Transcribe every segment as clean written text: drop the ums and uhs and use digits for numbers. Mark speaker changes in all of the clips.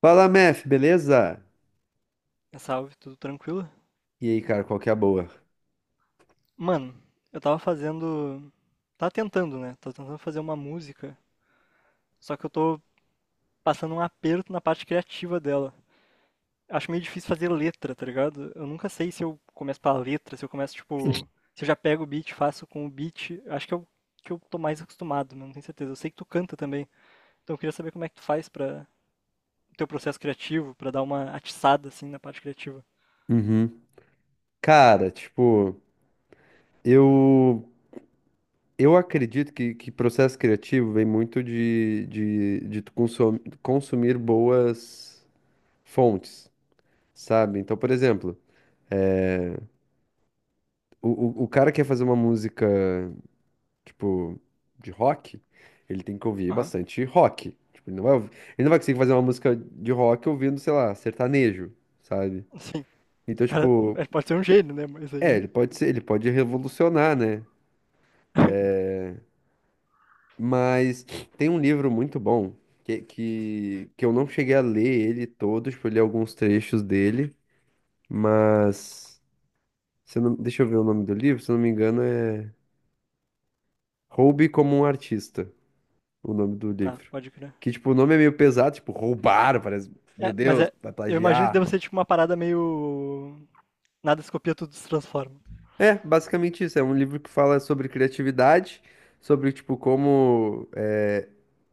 Speaker 1: Fala, Mef, beleza?
Speaker 2: Salve, tudo tranquilo?
Speaker 1: E aí, cara, qual que é a boa?
Speaker 2: Mano, eu tava fazendo. Tava tentando, né? Tava tentando fazer uma música. Só que eu tô passando um aperto na parte criativa dela. Acho meio difícil fazer letra, tá ligado? Eu nunca sei se eu começo pela letra, se eu começo, tipo. Se eu já pego o beat, faço com o beat. Acho que eu tô mais acostumado, mas não tenho certeza. Eu sei que tu canta também. Então eu queria saber como é que tu faz pra. O teu processo criativo, pra dar uma atiçada, assim, na parte criativa.
Speaker 1: Uhum. Cara, tipo, eu eu acredito que processo criativo vem muito de tu consumir boas fontes, sabe? Então, por exemplo, o, o cara quer fazer uma música, tipo, de rock, ele tem que ouvir
Speaker 2: Aham,
Speaker 1: bastante rock. Tipo, ele não vai conseguir fazer uma música de rock ouvindo, sei lá, sertanejo, sabe?
Speaker 2: sim. O
Speaker 1: Então,
Speaker 2: cara,
Speaker 1: tipo.
Speaker 2: pode ser um gênio, né? Mas
Speaker 1: É,
Speaker 2: aí.
Speaker 1: ele pode ser, ele pode revolucionar, né? Mas tem um livro muito bom que eu não cheguei a ler ele todo, tipo, eu li alguns trechos dele, mas se eu não, deixa eu ver o nome do livro, se eu não me engano é Roube como um artista, o nome do
Speaker 2: Tá,
Speaker 1: livro.
Speaker 2: pode crer.
Speaker 1: Que tipo, o nome é meio pesado, tipo, roubar, parece, meu
Speaker 2: É, mas
Speaker 1: Deus,
Speaker 2: é,
Speaker 1: vai
Speaker 2: eu imagino que deve
Speaker 1: plagiar.
Speaker 2: ser tipo uma parada meio. Nada se copia, tudo se transforma.
Speaker 1: É, basicamente isso, é um livro que fala sobre criatividade, sobre tipo como é,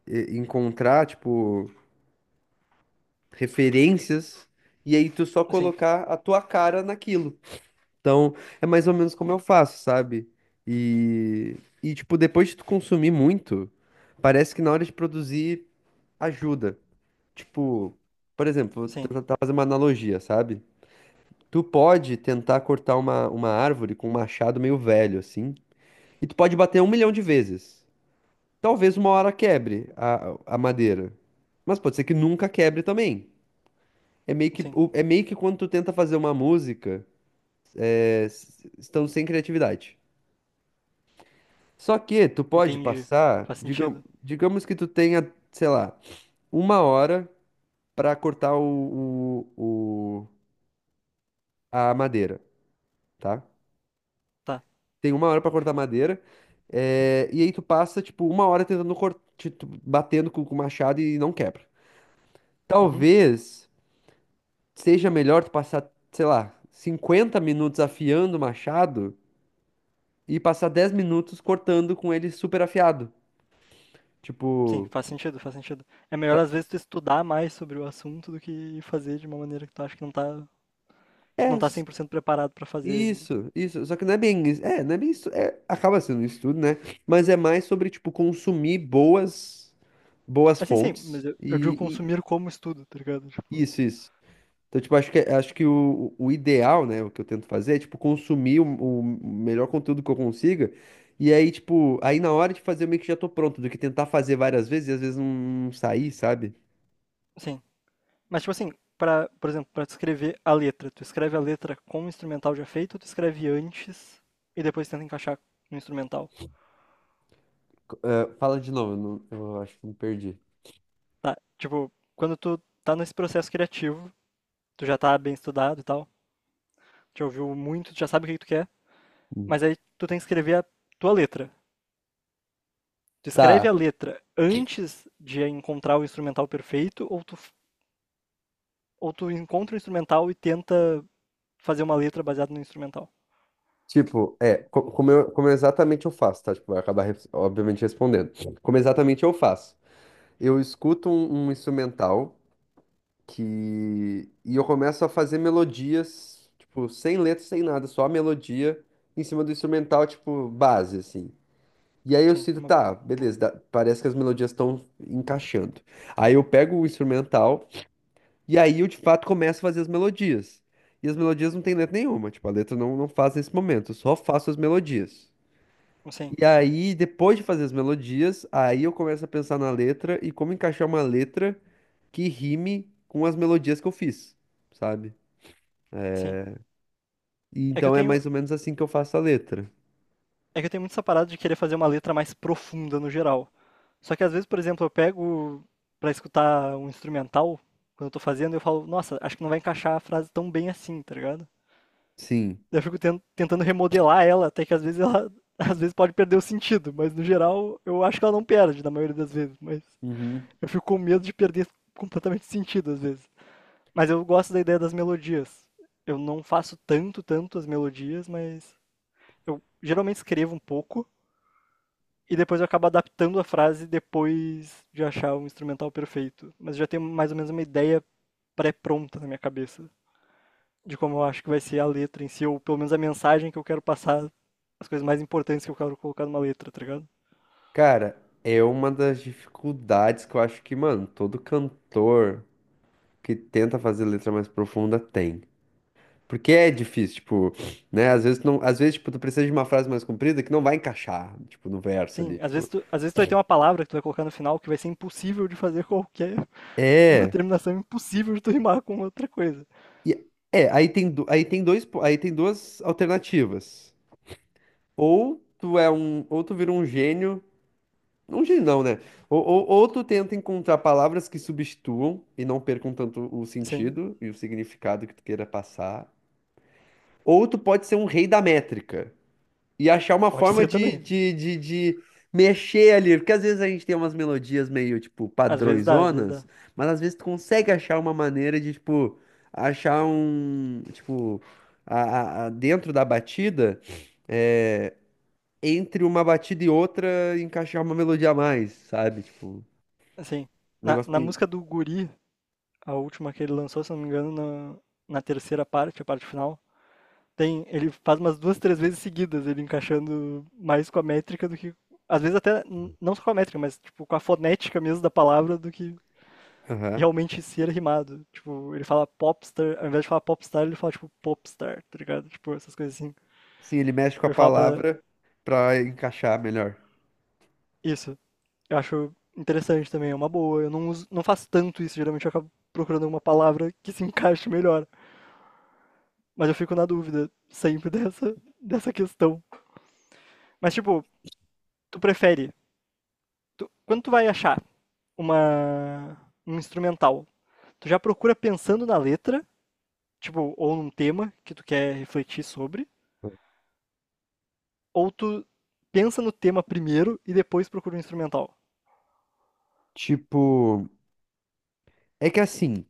Speaker 1: encontrar, tipo, referências, e aí tu só
Speaker 2: Sim,
Speaker 1: colocar a tua cara naquilo. Então, é mais ou menos como eu faço, sabe? E, e tipo, depois de tu consumir muito, parece que na hora de produzir ajuda. Tipo, por exemplo,
Speaker 2: sim,
Speaker 1: vou tentar fazer uma analogia, sabe? Tu pode tentar cortar uma árvore com um machado meio velho, assim, e tu pode bater 1 milhão de vezes. Talvez uma hora quebre a madeira. Mas pode ser que nunca quebre também. É meio que,
Speaker 2: sim.
Speaker 1: é meio que quando tu tenta fazer uma música, é, estando sem criatividade. Só que tu pode
Speaker 2: Entendi.
Speaker 1: passar,
Speaker 2: Faz sentido.
Speaker 1: digamos que tu tenha, sei lá, uma hora pra cortar a madeira, tá?
Speaker 2: Tá.
Speaker 1: Tem uma hora pra cortar a madeira, é, e aí tu passa, tipo, uma hora tentando cortar, batendo com o machado e não quebra.
Speaker 2: Uhum.
Speaker 1: Talvez seja melhor tu passar, sei lá, 50 minutos afiando o machado e passar 10 minutos cortando com ele super afiado.
Speaker 2: Sim,
Speaker 1: Tipo,
Speaker 2: faz sentido, faz sentido. É melhor
Speaker 1: pra-
Speaker 2: às vezes tu estudar mais sobre o assunto do que fazer de uma maneira que tu acha que
Speaker 1: é
Speaker 2: não tá
Speaker 1: s-
Speaker 2: 100% preparado pra fazer ainda.
Speaker 1: isso, isso. Só que não é bem isso. É, não é bem isso. É, acaba sendo isso tudo, né? Mas é mais sobre, tipo, consumir boas, boas
Speaker 2: Assim, sim, mas
Speaker 1: fontes
Speaker 2: eu digo
Speaker 1: e,
Speaker 2: consumir como estudo, tá ligado? Tipo,
Speaker 1: isso, isso. Então, tipo, acho que o ideal, né, o que eu tento fazer é, tipo, consumir o melhor conteúdo que eu consiga. E aí, tipo, aí na hora de fazer, eu meio que já tô pronto, do que tentar fazer várias vezes e às vezes não sair, sabe?
Speaker 2: sim. Mas tipo assim, pra, por exemplo, pra tu escrever a letra, tu escreve a letra com o instrumental já feito ou tu escreve antes e depois tenta encaixar no instrumental?
Speaker 1: Fala de novo, eu, não- eu acho que me perdi.
Speaker 2: Tá, tipo, quando tu tá nesse processo criativo, tu já tá bem estudado e tal, já ouviu muito, tu já sabe o que que tu quer, mas aí tu tem que escrever a tua letra. Tu escreve
Speaker 1: Tá.
Speaker 2: a letra antes de encontrar o instrumental perfeito ou tu encontra o instrumental e tenta fazer uma letra baseada no instrumental?
Speaker 1: Tipo, é, como eu exatamente eu faço, tá? Tipo, obviamente, respondendo. Como exatamente eu faço. Eu escuto um instrumental que... E eu começo a fazer melodias, tipo, sem letra, sem nada, só a melodia em cima do instrumental, tipo, base, assim. E aí eu
Speaker 2: Sim,
Speaker 1: sinto,
Speaker 2: uma, bo-
Speaker 1: tá,
Speaker 2: uma boa.
Speaker 1: beleza, parece que as melodias estão encaixando. Aí eu pego o instrumental. E aí eu de fato começo a fazer as melodias. E as melodias não tem letra nenhuma, tipo, a letra não, não faz nesse momento, eu só faço as melodias.
Speaker 2: Sim,
Speaker 1: E aí, depois de fazer as melodias, aí eu começo a pensar na letra e como encaixar uma letra que rime com as melodias que eu fiz, sabe?
Speaker 2: sim.
Speaker 1: E
Speaker 2: É que eu
Speaker 1: então é
Speaker 2: tenho,
Speaker 1: mais ou menos assim que eu faço a letra.
Speaker 2: é que eu tenho muito essa parada de querer fazer uma letra mais profunda no geral. Só que às vezes, por exemplo, eu pego pra escutar um instrumental, quando eu tô fazendo, eu falo, nossa, acho que não vai encaixar a frase tão bem assim, tá ligado?
Speaker 1: Sim.
Speaker 2: Eu fico ten- tentando remodelar ela, até que às vezes ela às vezes pode perder o sentido, mas no geral eu acho que ela não perde na maioria das vezes, mas
Speaker 1: Uhum.
Speaker 2: eu fico com medo de perder completamente o sentido às vezes. Mas eu gosto da ideia das melodias. Eu não faço tanto, tanto as melodias, mas eu geralmente escrevo um pouco e depois eu acabo adaptando a frase depois de achar um instrumental perfeito. Mas já tenho mais ou menos uma ideia pré-pronta na minha cabeça de como eu acho que vai ser a letra em si, ou pelo menos a mensagem que eu quero passar, as coisas mais importantes que eu quero colocar numa letra, tá ligado?
Speaker 1: Cara, é uma das dificuldades que eu acho que, mano, todo cantor que tenta fazer letra mais profunda tem. Porque é difícil, tipo, né? Às vezes, não, às vezes, tipo, tu precisa de uma frase mais comprida que não vai encaixar, tipo, no verso
Speaker 2: Sim,
Speaker 1: ali, tipo.
Speaker 2: às vezes tu vai ter uma palavra que tu vai colocar no final que vai ser impossível de fazer qualquer. Uma
Speaker 1: É,
Speaker 2: terminação impossível de tu rimar com outra coisa.
Speaker 1: e- aí tem, aí tem duas alternativas. Ou tu vira um gênio não, né? Ou tu tenta encontrar palavras que substituam e não percam tanto o
Speaker 2: Sim,
Speaker 1: sentido e o significado que tu queira passar. Ou tu pode ser um rei da métrica. E achar uma
Speaker 2: pode
Speaker 1: forma
Speaker 2: ser também.
Speaker 1: de mexer ali. Porque às vezes a gente tem umas melodias meio, tipo,
Speaker 2: Às vezes dá, às vezes dá.
Speaker 1: padrõezonas, mas às vezes tu consegue achar uma maneira de, tipo, achar um, tipo, dentro da batida, é, entre uma batida e outra, encaixar uma melodia a mais, sabe? Tipo, um
Speaker 2: Assim, na,
Speaker 1: negócio
Speaker 2: na
Speaker 1: meio.
Speaker 2: música do Guri, a última que ele lançou, se não me engano, na, na terceira parte, a parte final, tem, ele faz umas duas, três vezes seguidas, ele encaixando mais com a métrica do que, às vezes até, n- não só com a métrica, mas tipo, com a fonética mesmo da palavra do que
Speaker 1: Aham.
Speaker 2: realmente ser rimado. Tipo, ele fala popstar, ao invés de falar popstar, ele fala tipo popstar, tá ligado? Tipo, essas coisas assim.
Speaker 1: Sim, ele mexe com a
Speaker 2: Ele fala pra
Speaker 1: palavra pra encaixar melhor.
Speaker 2: isso. Eu acho interessante também, é uma boa. Eu não uso, não faço tanto isso, geralmente eu acabo procurando uma palavra que se encaixe melhor. Mas eu fico na dúvida sempre dessa, dessa questão. Mas, tipo, tu prefere. Tu- quando tu vai achar uma, um instrumental, tu já procura pensando na letra, tipo, ou num tema que tu quer refletir sobre, ou tu pensa no tema primeiro e depois procura um instrumental.
Speaker 1: Tipo, é que assim.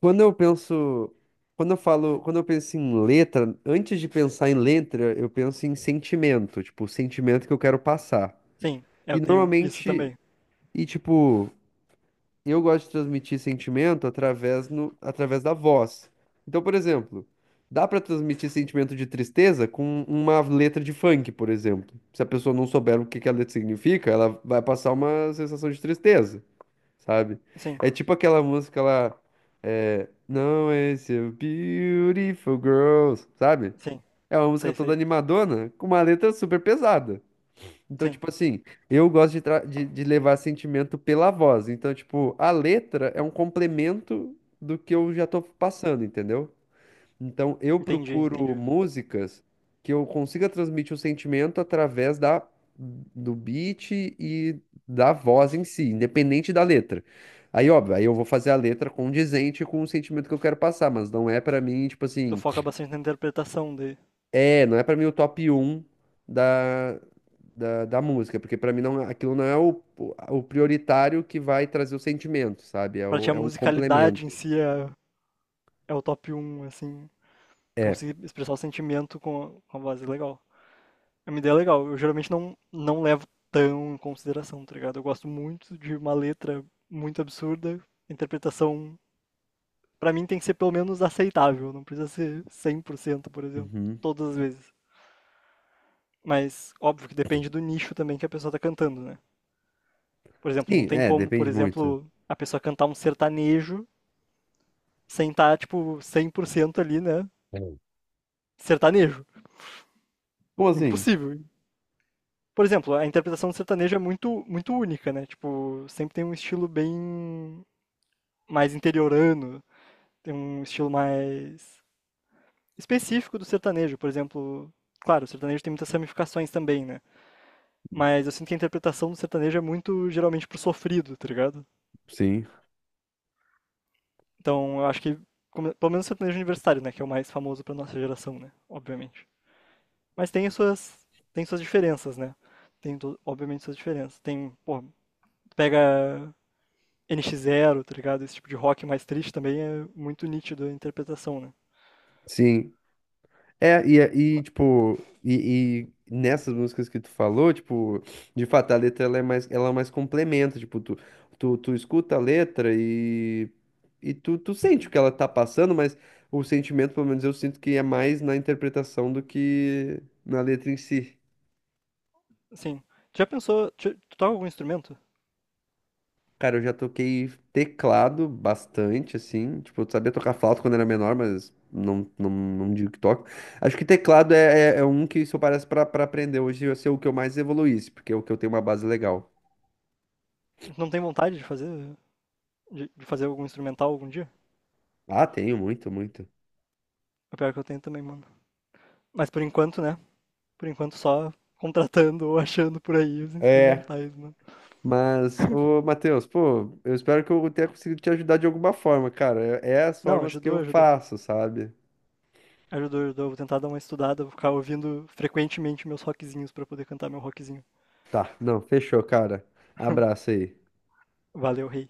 Speaker 1: Quando eu penso, quando eu falo, quando eu penso em letra, antes de pensar em letra, eu penso em sentimento, tipo, o sentimento que eu quero passar.
Speaker 2: Sim,
Speaker 1: E
Speaker 2: eu tenho isso
Speaker 1: normalmente,
Speaker 2: também.
Speaker 1: e tipo, eu gosto de transmitir sentimento através no, através da voz. Então, por exemplo, dá pra transmitir sentimento de tristeza com uma letra de funk, por exemplo. Se a pessoa não souber o que que a letra significa, ela vai passar uma sensação de tristeza sabe?
Speaker 2: Sim,
Speaker 1: É tipo aquela música lá, é, Não é seu beautiful girls, sabe?
Speaker 2: sim,
Speaker 1: É uma música
Speaker 2: sei,
Speaker 1: toda
Speaker 2: sei.
Speaker 1: animadona, com uma letra super pesada. Então,
Speaker 2: Sim,
Speaker 1: tipo assim, eu gosto de, de levar sentimento pela voz. Então, tipo, a letra é um complemento do que eu já tô passando, entendeu? Então, eu
Speaker 2: entendi,
Speaker 1: procuro
Speaker 2: entendi.
Speaker 1: músicas que eu consiga transmitir o sentimento através da, do beat e da voz em si, independente da letra. Aí, óbvio, aí eu vou fazer a letra condizente com o sentimento que eu quero passar, mas não é pra mim, tipo
Speaker 2: Tu
Speaker 1: assim,
Speaker 2: foca bastante na interpretação de.
Speaker 1: é, não é pra mim o top um da, da música, porque pra mim não, aquilo não é o prioritário que vai trazer o sentimento, sabe? É,
Speaker 2: Pra ti a
Speaker 1: é um
Speaker 2: musicalidade em
Speaker 1: complemento.
Speaker 2: si é, é o top um assim. Tu
Speaker 1: É.
Speaker 2: conseguir expressar o sentimento com a voz é legal. É uma ideia legal. Eu geralmente não, não levo tão em consideração, tá ligado? Eu gosto muito de uma letra muito absurda, a interpretação, pra mim, tem que ser pelo menos aceitável. Não precisa ser cem por cento por exemplo,
Speaker 1: Uhum.
Speaker 2: todas as vezes. Mas, óbvio que depende do nicho também que a pessoa tá cantando, né? Por exemplo, não
Speaker 1: Sim,
Speaker 2: tem
Speaker 1: é,
Speaker 2: como, por
Speaker 1: depende muito.
Speaker 2: exemplo, a pessoa cantar um sertanejo sem estar, tipo, 100% ali, né?
Speaker 1: É.
Speaker 2: Sertanejo.
Speaker 1: Como assim?
Speaker 2: Impossível. Por exemplo, a interpretação do sertanejo é muito, muito única, né? Tipo, sempre tem um estilo bem mais interiorano, tem um estilo mais específico do sertanejo. Por exemplo, claro, o sertanejo tem muitas ramificações também, né? Mas eu sinto que a interpretação do sertanejo é muito, geralmente, pro sofrido, tá ligado?
Speaker 1: Sim,
Speaker 2: Então, eu acho que, como- pelo menos o sertanejo universitário, né? Que é o mais famoso pra nossa geração, né? Obviamente. Mas tem as suas, tem suas diferenças, né? Tem, to- obviamente, suas diferenças. Tem, pô, pega NX Zero, tá ligado? Esse tipo de rock mais triste também é muito nítido a interpretação, né?
Speaker 1: sim. É, e
Speaker 2: Ma-
Speaker 1: tipo, e nessas músicas que tu falou, tipo, de fato a letra ela é mais complementa, tipo, tu escuta a letra e, tu sente o que ela tá passando, mas o sentimento, pelo menos eu sinto que é mais na interpretação do que na letra em si.
Speaker 2: Assim, tu já pensou, tu, tu toca algum instrumento?
Speaker 1: Cara, eu já toquei teclado bastante, assim. Tipo, eu sabia tocar flauta quando era menor, mas não digo que toco. Acho que teclado é um que, se eu parece, pra aprender hoje, ia ser o que eu mais evoluísse, porque é o que eu tenho uma base legal.
Speaker 2: Não tem vontade de fazer algum instrumental algum dia?
Speaker 1: Ah, tenho, muito, muito.
Speaker 2: É o pior que eu tenho também, mano. Mas por enquanto, né? Por enquanto só contratando ou achando por aí os
Speaker 1: É.
Speaker 2: instrumentais, mano.
Speaker 1: Mas, ô, Matheus, pô, eu espero que eu tenha conseguido te ajudar de alguma forma, cara. É, é as
Speaker 2: Não,
Speaker 1: formas que
Speaker 2: ajudou,
Speaker 1: eu
Speaker 2: ajudou.
Speaker 1: faço, sabe?
Speaker 2: Ajudou, ajudou. Vou tentar dar uma estudada, vou ficar ouvindo frequentemente meus rockzinhos pra poder cantar meu rockzinho.
Speaker 1: Tá, não, fechou, cara. Abraço aí.
Speaker 2: Valeu, rei.